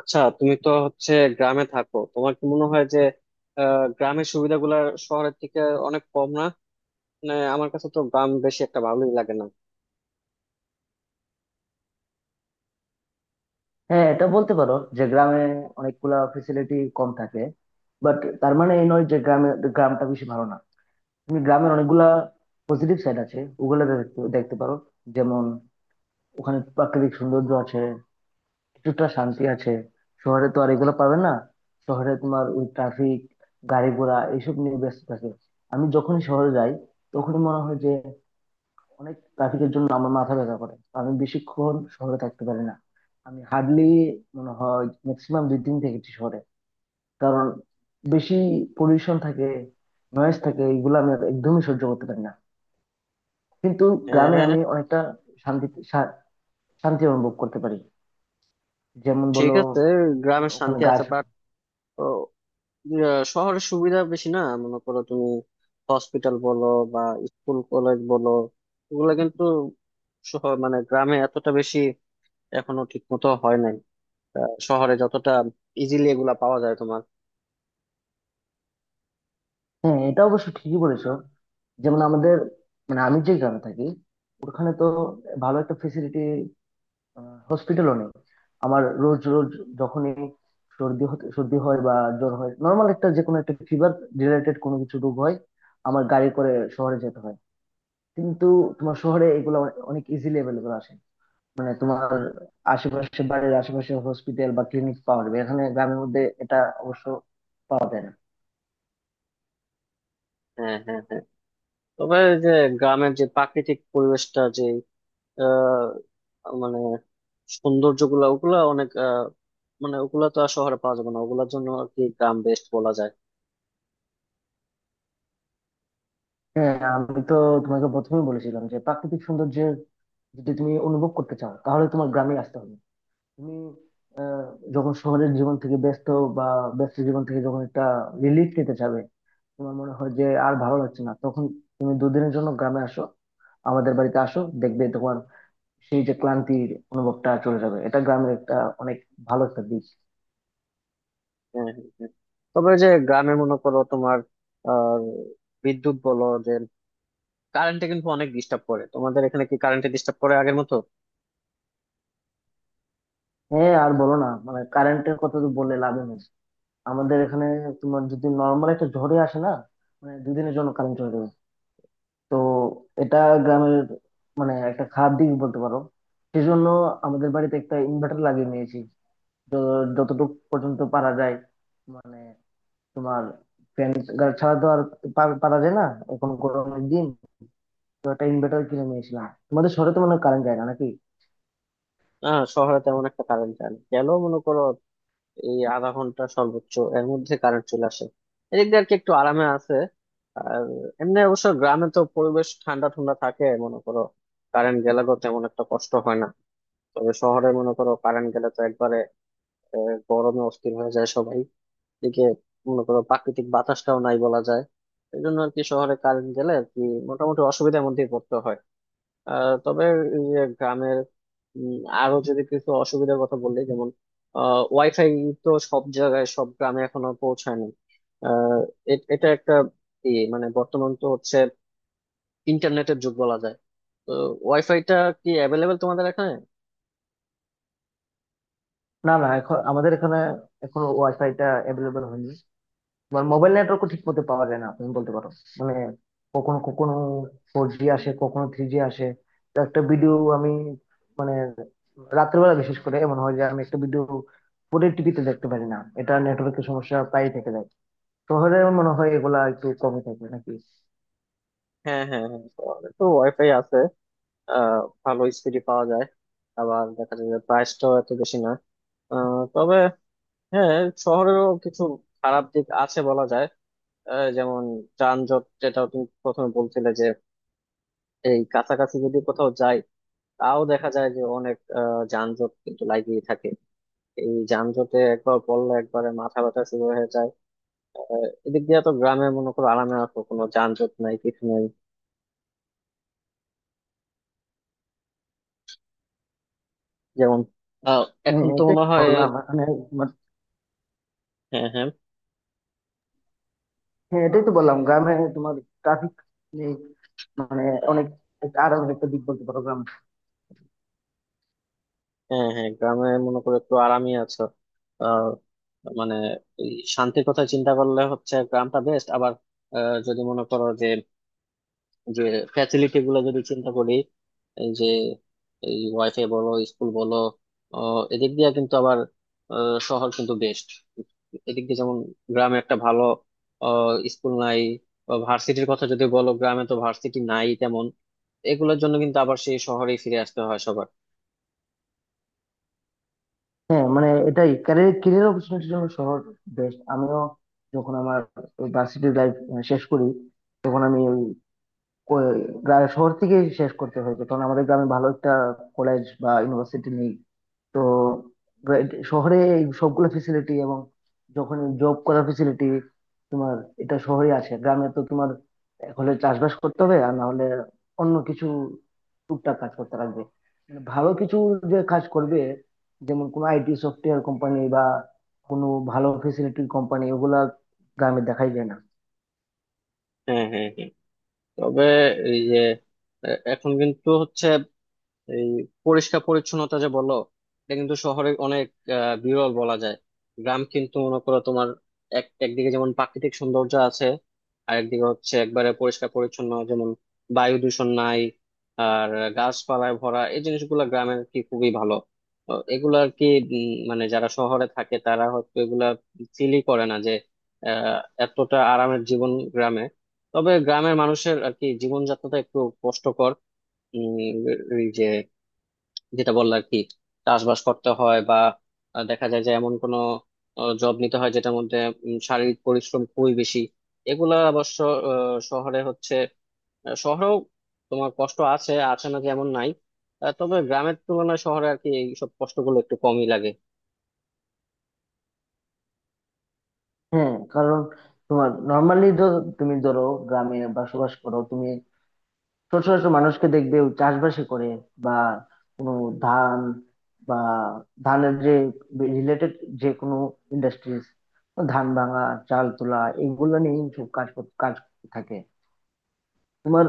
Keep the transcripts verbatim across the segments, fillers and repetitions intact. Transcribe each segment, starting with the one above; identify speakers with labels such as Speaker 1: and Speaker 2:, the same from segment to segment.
Speaker 1: আচ্ছা, তুমি তো হচ্ছে গ্রামে থাকো। তোমার কি মনে হয় যে আহ, গ্রামের সুবিধাগুলা শহরের থেকে অনেক কম না? মানে আমার কাছে তো গ্রাম বেশি একটা ভালোই লাগে না।
Speaker 2: হ্যাঁ, এটা বলতে পারো যে গ্রামে অনেকগুলা ফেসিলিটি কম থাকে। বাট তার মানে এই নয় যে গ্রামে গ্রামটা বেশি ভালো না। তুমি গ্রামের অনেকগুলা পজিটিভ সাইড আছে, ওগুলো দেখতে দেখতে পারো। যেমন, ওখানে প্রাকৃতিক সৌন্দর্য আছে, কিছুটা শান্তি আছে। শহরে তো আর এগুলো পাবে না। শহরে তোমার ওই ট্রাফিক, গাড়ি ঘোড়া এইসব নিয়ে ব্যস্ত থাকে। আমি যখনই শহরে যাই তখনই মনে হয় যে অনেক ট্রাফিকের জন্য আমার মাথা ব্যথা করে, আমি বেশিক্ষণ শহরে থাকতে পারি না। আমি হার্ডলি মনে হয় ম্যাক্সিমাম দুই দিন থেকেছি শহরে। কারণ বেশি পলিউশন থাকে, নয়েজ থাকে, এগুলো আমি আর একদমই সহ্য করতে পারি না। কিন্তু গ্রামে
Speaker 1: হ্যাঁ,
Speaker 2: আমি অনেকটা শান্তি শা- শান্তি অনুভব করতে পারি। যেমন
Speaker 1: ঠিক
Speaker 2: বলো,
Speaker 1: আছে,
Speaker 2: আহ,
Speaker 1: গ্রামের
Speaker 2: ওখানে
Speaker 1: শান্তি আছে,
Speaker 2: গাছ।
Speaker 1: বাট শহরের সুবিধা বেশি না মনে করো তুমি? হসপিটাল বলো, বা স্কুল কলেজ বলো, এগুলা কিন্তু শহর মানে গ্রামে এতটা বেশি এখনো ঠিক মতো হয় নাই। আহ, শহরে যতটা ইজিলি এগুলা পাওয়া যায় তোমার।
Speaker 2: হ্যাঁ, এটা অবশ্য ঠিকই বলেছো। যেমন আমাদের, মানে আমি যে গ্রামে থাকি ওখানে তো ভালো একটা ফেসিলিটি হসপিটালও নেই। আমার রোজ রোজ যখনই সর্দি হতে- সর্দি হয় বা জ্বর হয়, নর্মাল একটা যে কোনো একটা ফিভার রিলেটেড কোনো কিছু রোগ হয়, আমার গাড়ি করে শহরে যেতে হয়। কিন্তু তোমার শহরে এগুলো অনে- অনেক ইজিলি অ্যাভেলেবল আসে। মানে তোমার আশেপাশে, বাড়ির আশেপাশে হসপিটাল বা ক্লিনিক পাওয়া যাবে, এখানে গ্রামের মধ্যে এটা অবশ্য পাওয়া যায় না।
Speaker 1: হ্যাঁ, হ্যাঁ, হ্যাঁ। তবে এই যে গ্রামের যে প্রাকৃতিক পরিবেশটা যে আহ মানে সৌন্দর্য গুলা, ওগুলা অনেক আহ মানে ওগুলা তো আর শহরে পাওয়া যাবে না, ওগুলার জন্য আর কি গ্রাম বেস্ট বলা যায়।
Speaker 2: হ্যাঁ, আমি তো তোমাকে প্রথমেই বলেছিলাম যে প্রাকৃতিক সৌন্দর্যের যদি তুমি অনুভব করতে চাও তাহলে তোমার গ্রামে আসতে হবে। তুমি আহ, যখন শহরের জীবন থেকে ব্যস্ত, বা ব্যস্ত জীবন থেকে যখন একটা রিলিফ নিতে চাবে, তোমার মনে হয় যে আর ভালো লাগছে না, তখন তুমি দুদিনের জন্য গ্রামে আসো, আমাদের বাড়িতে আসো, দেখবে তোমার সেই যে ক্লান্তির অনুভবটা চলে যাবে। এটা গ্রামের একটা অনেক ভালো একটা দিক।
Speaker 1: হ্যাঁ, হ্যাঁ, হ্যাঁ। তবে এই যে গ্রামে মনে করো তোমার আহ বিদ্যুৎ বলো যে কারেন্টে কিন্তু অনেক ডিস্টার্ব করে। তোমাদের এখানে কি কারেন্টে ডিস্টার্ব করে আগের মতো?
Speaker 2: হ্যাঁ, আর বলো না, মানে কারেন্টের কথা তো বললে লাভ নেই। আমাদের এখানে তোমার যদি নর্মাল একটা ঝড়ে আসে না, মানে দুদিনের জন্য কারেন্ট চলে যাবে। তো এটা গ্রামের মানে একটা খারাপ দিক বলতে পারো। সেজন্য আমাদের বাড়িতে একটা ইনভার্টার লাগিয়ে নিয়েছি। তো যতটুকু পর্যন্ত পারা যায়, মানে তোমার ফ্যান ছাড়া তো আর পার- পারা যায় না। এখন গরমের দিন, তো একটা ইনভার্টার কিনে নিয়েছিলাম। তোমাদের শহরে তো মনে হয় কারেন্ট যায় না নাকি?
Speaker 1: হ্যাঁ, শহরে তেমন একটা কারেন্ট গেল মনে করো, এই আধা ঘন্টা সর্বোচ্চ এর মধ্যে কারেন্ট চলে আসে। এদিক দিয়ে আর কি একটু আরামে আছে। আর এমনি অবশ্য গ্রামে তো পরিবেশ ঠান্ডা ঠান্ডা থাকে মনে করো, কারেন্ট গেলে তো তেমন একটা কষ্ট হয় না। তবে শহরে মনে করো কারেন্ট গেলে তো একবারে আহ, গরমে অস্থির হয়ে যায় সবাই। এদিকে মনে করো প্রাকৃতিক বাতাসটাও নাই বলা যায়। এই জন্য আর কি শহরে কারেন্ট গেলে আর কি মোটামুটি অসুবিধার মধ্যেই পড়তে হয়। আহ, তবে এই যে গ্রামের উম, আরো যদি কিছু অসুবিধার কথা বলি, যেমন ওয়াইফাই তো সব জায়গায় সব গ্রামে এখনো পৌঁছায়নি। আহ, এ- এটা একটা ইয়ে মানে বর্তমান তো হচ্ছে ইন্টারনেটের যুগ বলা যায়। তো ওয়াইফাইটা কি অ্যাভেলেবেল তোমাদের এখানে?
Speaker 2: না না, এখন আমাদের এখানে এখন ওয়াইফাই টা অ্যাভেলেবল হয়নি। মোবাইল নেটওয়ার্কও ঠিক মতো পাওয়া যায় না, তুমি বলতে পারো। মানে কখনো কখনো ফোর জি আসে, কখনো থ্রি জি আসে। তো একটা ভিডিও আমি, মানে রাত্রেবেলা বিশেষ করে এমন হয় যে আমি একটা ভিডিও পুরো টিভিতে দেখতে পারি না, এটা নেটওয়ার্কের সমস্যা প্রায় থেকে যায়। শহরে আমার মনে হয় এগুলা একটু কমে থাকে নাকি?
Speaker 1: হ্যাঁ, হ্যাঁ, হ্যাঁ, শহরে তো ওয়াইফাই আছে, আহ, ভালো স্পিডে পাওয়া যায়। আবার দেখা যায় যে প্রাইসটাও এত বেশি না। আহ, তবে হ্যাঁ, শহরেরও কিছু খারাপ দিক আছে বলা যায়। আহ, যেমন যানজট, যেটা তুমি প্রথমে বলছিলে যে এই কাছাকাছি যদি কোথাও যাই, তাও দেখা যায় যে অনেক আহ, যানজট কিন্তু লাগিয়ে থাকে। এই যানজটে একবার পড়লে একবারে মাথা ব্যথা শুরু হয়ে যায়। এদিক দিয়ে তো গ্রামে মনে করো আরামে আসো, কোনো যানজট নাই কিছু নাই। যেমন আহ,
Speaker 2: হ্যাঁ,
Speaker 1: এখন তো
Speaker 2: এটাই
Speaker 1: মনে
Speaker 2: তো
Speaker 1: হয়।
Speaker 2: বললাম মানে, মানে-
Speaker 1: হ্যাঁ, হ্যাঁ,
Speaker 2: হ্যাঁ এটাই তো বললাম গ্রামে তোমার ট্রাফিক মানে অনেক, আরো একটা দিক বলতে পারো গ্রাম।
Speaker 1: হ্যাঁ। হ্যাঁ, গ্রামে মনে করো একটু আরামই আছো। আহ, মানে এই শান্তির কথা চিন্তা করলে হচ্ছে গ্রামটা বেস্ট। আবার আহ, যদি মনে করো যে যে ফ্যাসিলিটি গুলো যদি চিন্তা করি, এই যে এই ওয়াইফাই বলো স্কুল বলো, আহ, এদিক দিয়ে কিন্তু আবার আহ, শহর কিন্তু বেস্ট। এদিক দিয়ে যেমন গ্রামে একটা ভালো স্কুল নাই, ভার্সিটির কথা যদি বলো গ্রামে তো ভার্সিটি নাই তেমন। এগুলোর জন্য কিন্তু আবার সেই শহরেই ফিরে আসতে হয় সবার।
Speaker 2: হ্যাঁ মানে এটাই, ক্যারিয়ার ক্যারিয়ার অপরচুনিটির জন্য শহর বেস্ট। আমিও যখন আমার ভার্সিটি লাইফ শেষ করি তখন আমি ওই কো- গ্রা- শহর থেকে শেষ করতে হয়েছে, কারণ আমাদের গ্রামে ভালো একটা কলেজ বা ইউনিভার্সিটি নেই। তো red- শহরে এই সবগুলো ফেসিলিটি, এবং যখন জব করার ফেসিলিটি তোমার, এটা শহরে আছে। গ্রামে তো তোমার এক হলে চাষবাস করতে হবে, আর না হলে অন্য কিছু টুকটাক কাজ করতে লাগবে। মানে ভালো কিছু যে কাজ করবে, যেমন কোনো আইটি সফটওয়্যার কোম্পানি বা কোনো ভালো ফেসিলিটির কোম্পানি, ওগুলা গ্রামে দেখাই যায় না।
Speaker 1: হ্যাঁ, হ্যাঁ, হ্যাঁ। তবে এই যে এ- এখন কিন্তু হচ্ছে এই পরিষ্কার পরিচ্ছন্নতা যে বললো, এটা কিন্তু শহরে অনেক আহ, বিরল বলা যায়। গ্রাম কিন্তু মনে করো তোমার এক একদিকে যেমন প্রাকৃতিক সৌন্দর্য আছে, আর একদিকে হচ্ছে একবারে পরিষ্কার পরিচ্ছন্ন, যেমন বায়ু দূষণ নাই, আর গাছপালায় ভরা, এই জিনিসগুলো গ্রামের কি খুবই ভালো। তো এগুলো আর কি উম, মানে যারা শহরে থাকে তারা হয়তো এগুলা ফিলই করে না যে আহ এতটা আরামের জীবন গ্রামে। তবে গ্রামের মানুষের আর কি জীবনযাত্রাটা একটু কষ্টকর। উম, এই যে যেটা বললো আর কি চাষবাস করতে হয়, বা আহ, দেখা যায় যে এমন কোনো জব নিতে হয় যেটার মধ্যে উম, শারীরিক পরিশ্রম খুবই বেশি। এগুলা অবশ্য আহ, শহরে হচ্ছে, আহ, শহরেও তোমার কষ্ট আছে, আছে না যে এমন নাই। আহ, তবে গ্রামের তুলনায় শহরে আর কি এইসব কষ্টগুলো একটু কমই লাগে।
Speaker 2: হ্যাঁ, কারণ তোমার নর্মালি, তুমি ধরো গ্রামে বসবাস করো, তুমি ছোট ছোট মানুষকে দেখবে চাষবাসই করে, বা কোনো ধান বা ধানের যে রিলেটেড যে কোনো ইন্ডাস্ট্রিজ, ধান ভাঙা, চাল তোলা, এগুলো নিয়ে সব কাজ কর- কাজ থাকে তোমার।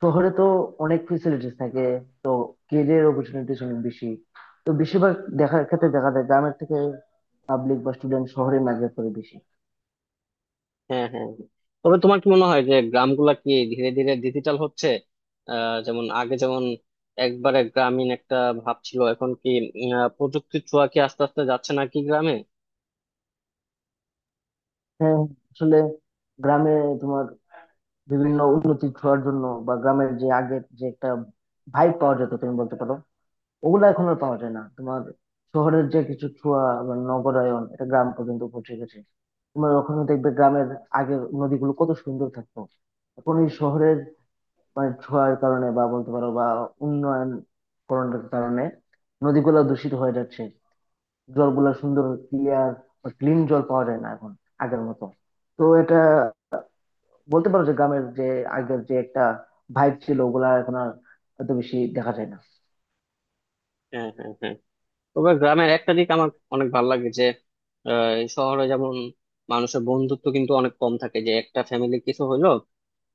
Speaker 2: শহরে তো অনেক ফেসিলিটিস থাকে, তো কেরিয়ার অপরচুনিটিস অনেক বেশি। তো বেশিরভাগ দেখার ক্ষেত্রে দেখা যায় গ্রামের থেকে পাবলিক বা স্টুডেন্ট শহরে মাইগ্রেট করে বেশি।
Speaker 1: হ্যাঁ, হ্যাঁ। তবে তোমার কি মনে হয় যে গ্রামগুলা কি ধীরে ধীরে ডিজিটাল হচ্ছে? আহ যেমন আগে যেমন একবারে গ্রামীণ একটা ভাব ছিল, এখন কি উম, আহ, প্রযুক্তির ছোঁয়া কি আস্তে আস্তে যাচ্ছে নাকি গ্রামে?
Speaker 2: হ্যাঁ, আসলে গ্রামে তোমার বিভিন্ন উন্নতি ছোঁয়ার জন্য, বা গ্রামের যে আগের যে একটা ভাইব পাওয়া যেত তুমি বলতে পারো, ওগুলো এখন আর পাওয়া যায় না। তোমার শহরের যে কিছু ছোঁয়া বা নগরায়ন, এটা গ্রাম পর্যন্ত পৌঁছে গেছে। তোমার ওখানে দেখবে গ্রামের আগের নদীগুলো কত সুন্দর থাকতো, এখন এই শহরের মানে ছোঁয়ার কারণে, বা বলতে পারো বা উন্নয়ন করণের কারণে, নদীগুলো দূষিত হয়ে যাচ্ছে। জলগুলো সুন্দর ক্লিয়ার বা ক্লিন জল পাওয়া যায় না এখন আগের মতো। তো এটা বলতে পারো যে গ্রামের যে আগের যে একটা ভাইব ছিল ওগুলা এখন আর এত বেশি দেখা যায় না।
Speaker 1: হ্যাঁ, হ্যাঁ, হ্যাঁ। তবে গ্রামের একটা দিক আমার অনেক ভালো লাগে যে আহ, এই শহরে যেমন মানুষের বন্ধুত্ব কিন্তু অনেক কম থাকে, যে একটা ফ্যামিলি কিছু হইলো,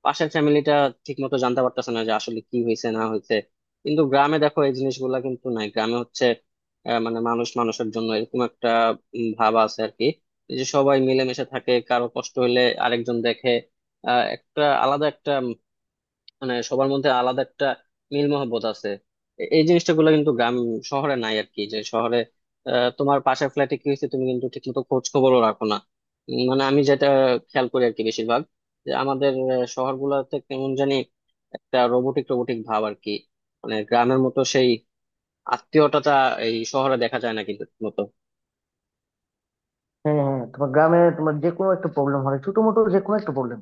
Speaker 1: পাশের ফ্যামিলিটা ঠিক মতো জানতে পারতেছে না যে আসলে কি হয়েছে না হয়েছে। কিন্তু গ্রামে দেখো এই জিনিসগুলা কিন্তু নাই, গ্রামে হচ্ছে আহ, মানে মানুষ মানুষের জন্য এরকম একটা উম, ভাব আছে আর কি। এই যে সবাই মিলেমিশে থাকে, কারো কষ্ট হলে আরেকজন দেখে, আহ একটা আলাদা একটা মানে সবার মধ্যে আলাদা একটা মিল মহব্বত আছে। এ- এই জিনিসটা গুলো কিন্তু গ্রাম, শহরে নাই আর কি, যে শহরে আহ, তোমার পাশের ফ্ল্যাটে কি হয়েছে তুমি কিন্তু ঠিক মতো খোঁজ খবরও রাখো না। উম, মানে আমি যেটা খেয়াল করি আর কি বেশিরভাগ, যে আমাদের শহর গুলাতে কেমন জানি একটা রোবোটিক রোবোটিক ভাব আর কি। মানে গ্রামের মতো সেই আত্মীয়তাটা এই শহরে দেখা যায় না কিন্তু ঠিক মতো।
Speaker 2: হ্যাঁ হ্যাঁ, তোমার গ্রামে তোমার যে কোনো একটা প্রবলেম হয়, ছোট মোটো যে কোনো একটা প্রবলেম,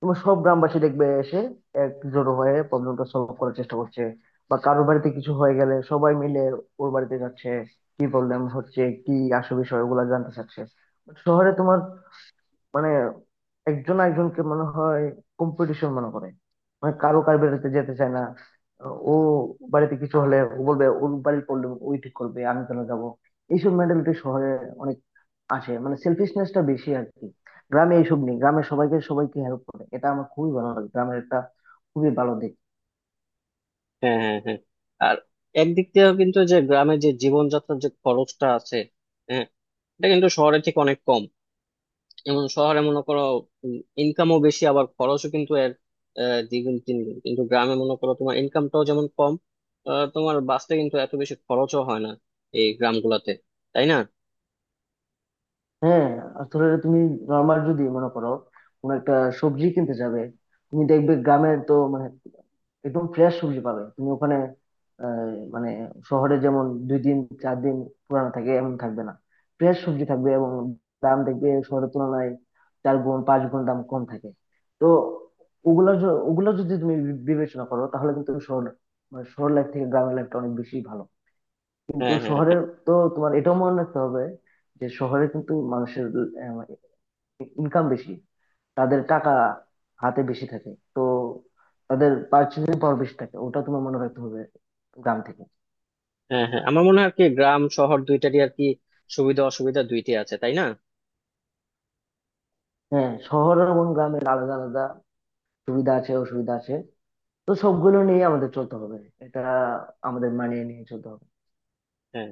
Speaker 2: তোমার সব গ্রামবাসী দেখবে এসে একজোট হয়ে প্রবলেমটা সলভ করার চেষ্টা করছে। বা কারোর বাড়িতে কিছু হয়ে গেলে সবাই মিলে ওর বাড়িতে যাচ্ছে, কি প্রবলেম হচ্ছে, কি আসল বিষয়, ওগুলা জানতে চাচ্ছে। শহরে তোমার মানে একজন একজনকে মনে হয় কম্পিটিশন মনে করে, মানে কারো কার বাড়িতে যেতে চায় না। ও বাড়িতে কিছু হলে ও বলবে ওর বাড়ির প্রবলেম ওই ঠিক করবে, আমি কেন যাবো। এইসব মেন্টালিটি শহরে অনেক আসে, মানে সেলফিশনেসটা বেশি আর কি। গ্রামে এইসব নেই, গ্রামে সবাইকে সবাইকে হেল্প করে, এটা আমার খুবই ভালো লাগে গ্রামের একটা খুবই ভালো দিক।
Speaker 1: হ্যাঁ, হ্যাঁ, হ্যাঁ। আর একদিক দিয়েও কিন্তু যে গ্রামের যে জীবনযাত্রার যে খরচটা আছে, হ্যাঁ, এটা কিন্তু শহরে ঠিক অনেক কম। যেমন শহরে মনে করো ইনকামও বেশি আবার খরচও কিন্তু এর আহ, দ্বিগুণ তিনগুণ, কিন্তু গ্রামে মনে করো তোমার ইনকামটাও যেমন কম, আহ, তোমার বাঁচতে কিন্তু এত বেশি খরচও হয় না এই গ্রামগুলোতে, তাই না?
Speaker 2: হ্যাঁ, আসলে তুমি নর্মাল যদি মনে করো কোনো একটা সবজি কিনতে যাবে, তুমি দেখবে গ্রামের তো মানে একদম ফ্রেশ সবজি পাবে তুমি ওখানে। আহ, মানে শহরে যেমন দুই দিন, চার দিন পুরানো থাকে, এমন থাকবে না, ফ্রেশ সবজি থাকবে। এবং দাম দেখবে শহরের তুলনায় চার গুণ, পাঁচ গুণ দাম কম থাকে। তো ওগুলো য- ওগুলো যদি তুমি বি- বিবেচনা করো তাহলে কিন্তু শহর মানে শহর লাইফ থেকে গ্রামের লাইফটা অনেক বেশি ভালো। কিন্তু
Speaker 1: হ্যাঁ, হ্যাঁ, হ্যাঁ।
Speaker 2: শহরের, তো তোমার এটাও মনে রাখতে হবে যে শহরে কিন্তু মানুষের ইনকাম বেশি, তাদের টাকা হাতে বেশি থাকে, তো তাদের পার্চেসিং পাওয়ার বেশি থাকে, ওটা তোমার মনে রাখতে হবে গ্রাম থেকে।
Speaker 1: হ্যাঁ, হ্যাঁ, আমার মনে হয় আর কি গ্রাম শহর দুইটারই আর কি সুবিধা অসুবিধা দুইটাই আছে, তাই না?
Speaker 2: হ্যাঁ, শহর এবং গ্রামের আলাদা আলাদা সুবিধা আছে, অসুবিধা আছে, তো সবগুলো নিয়ে আমাদের চলতে হবে, এটা আমাদের মানিয়ে নিয়ে চলতে হবে।
Speaker 1: হ্যাঁ।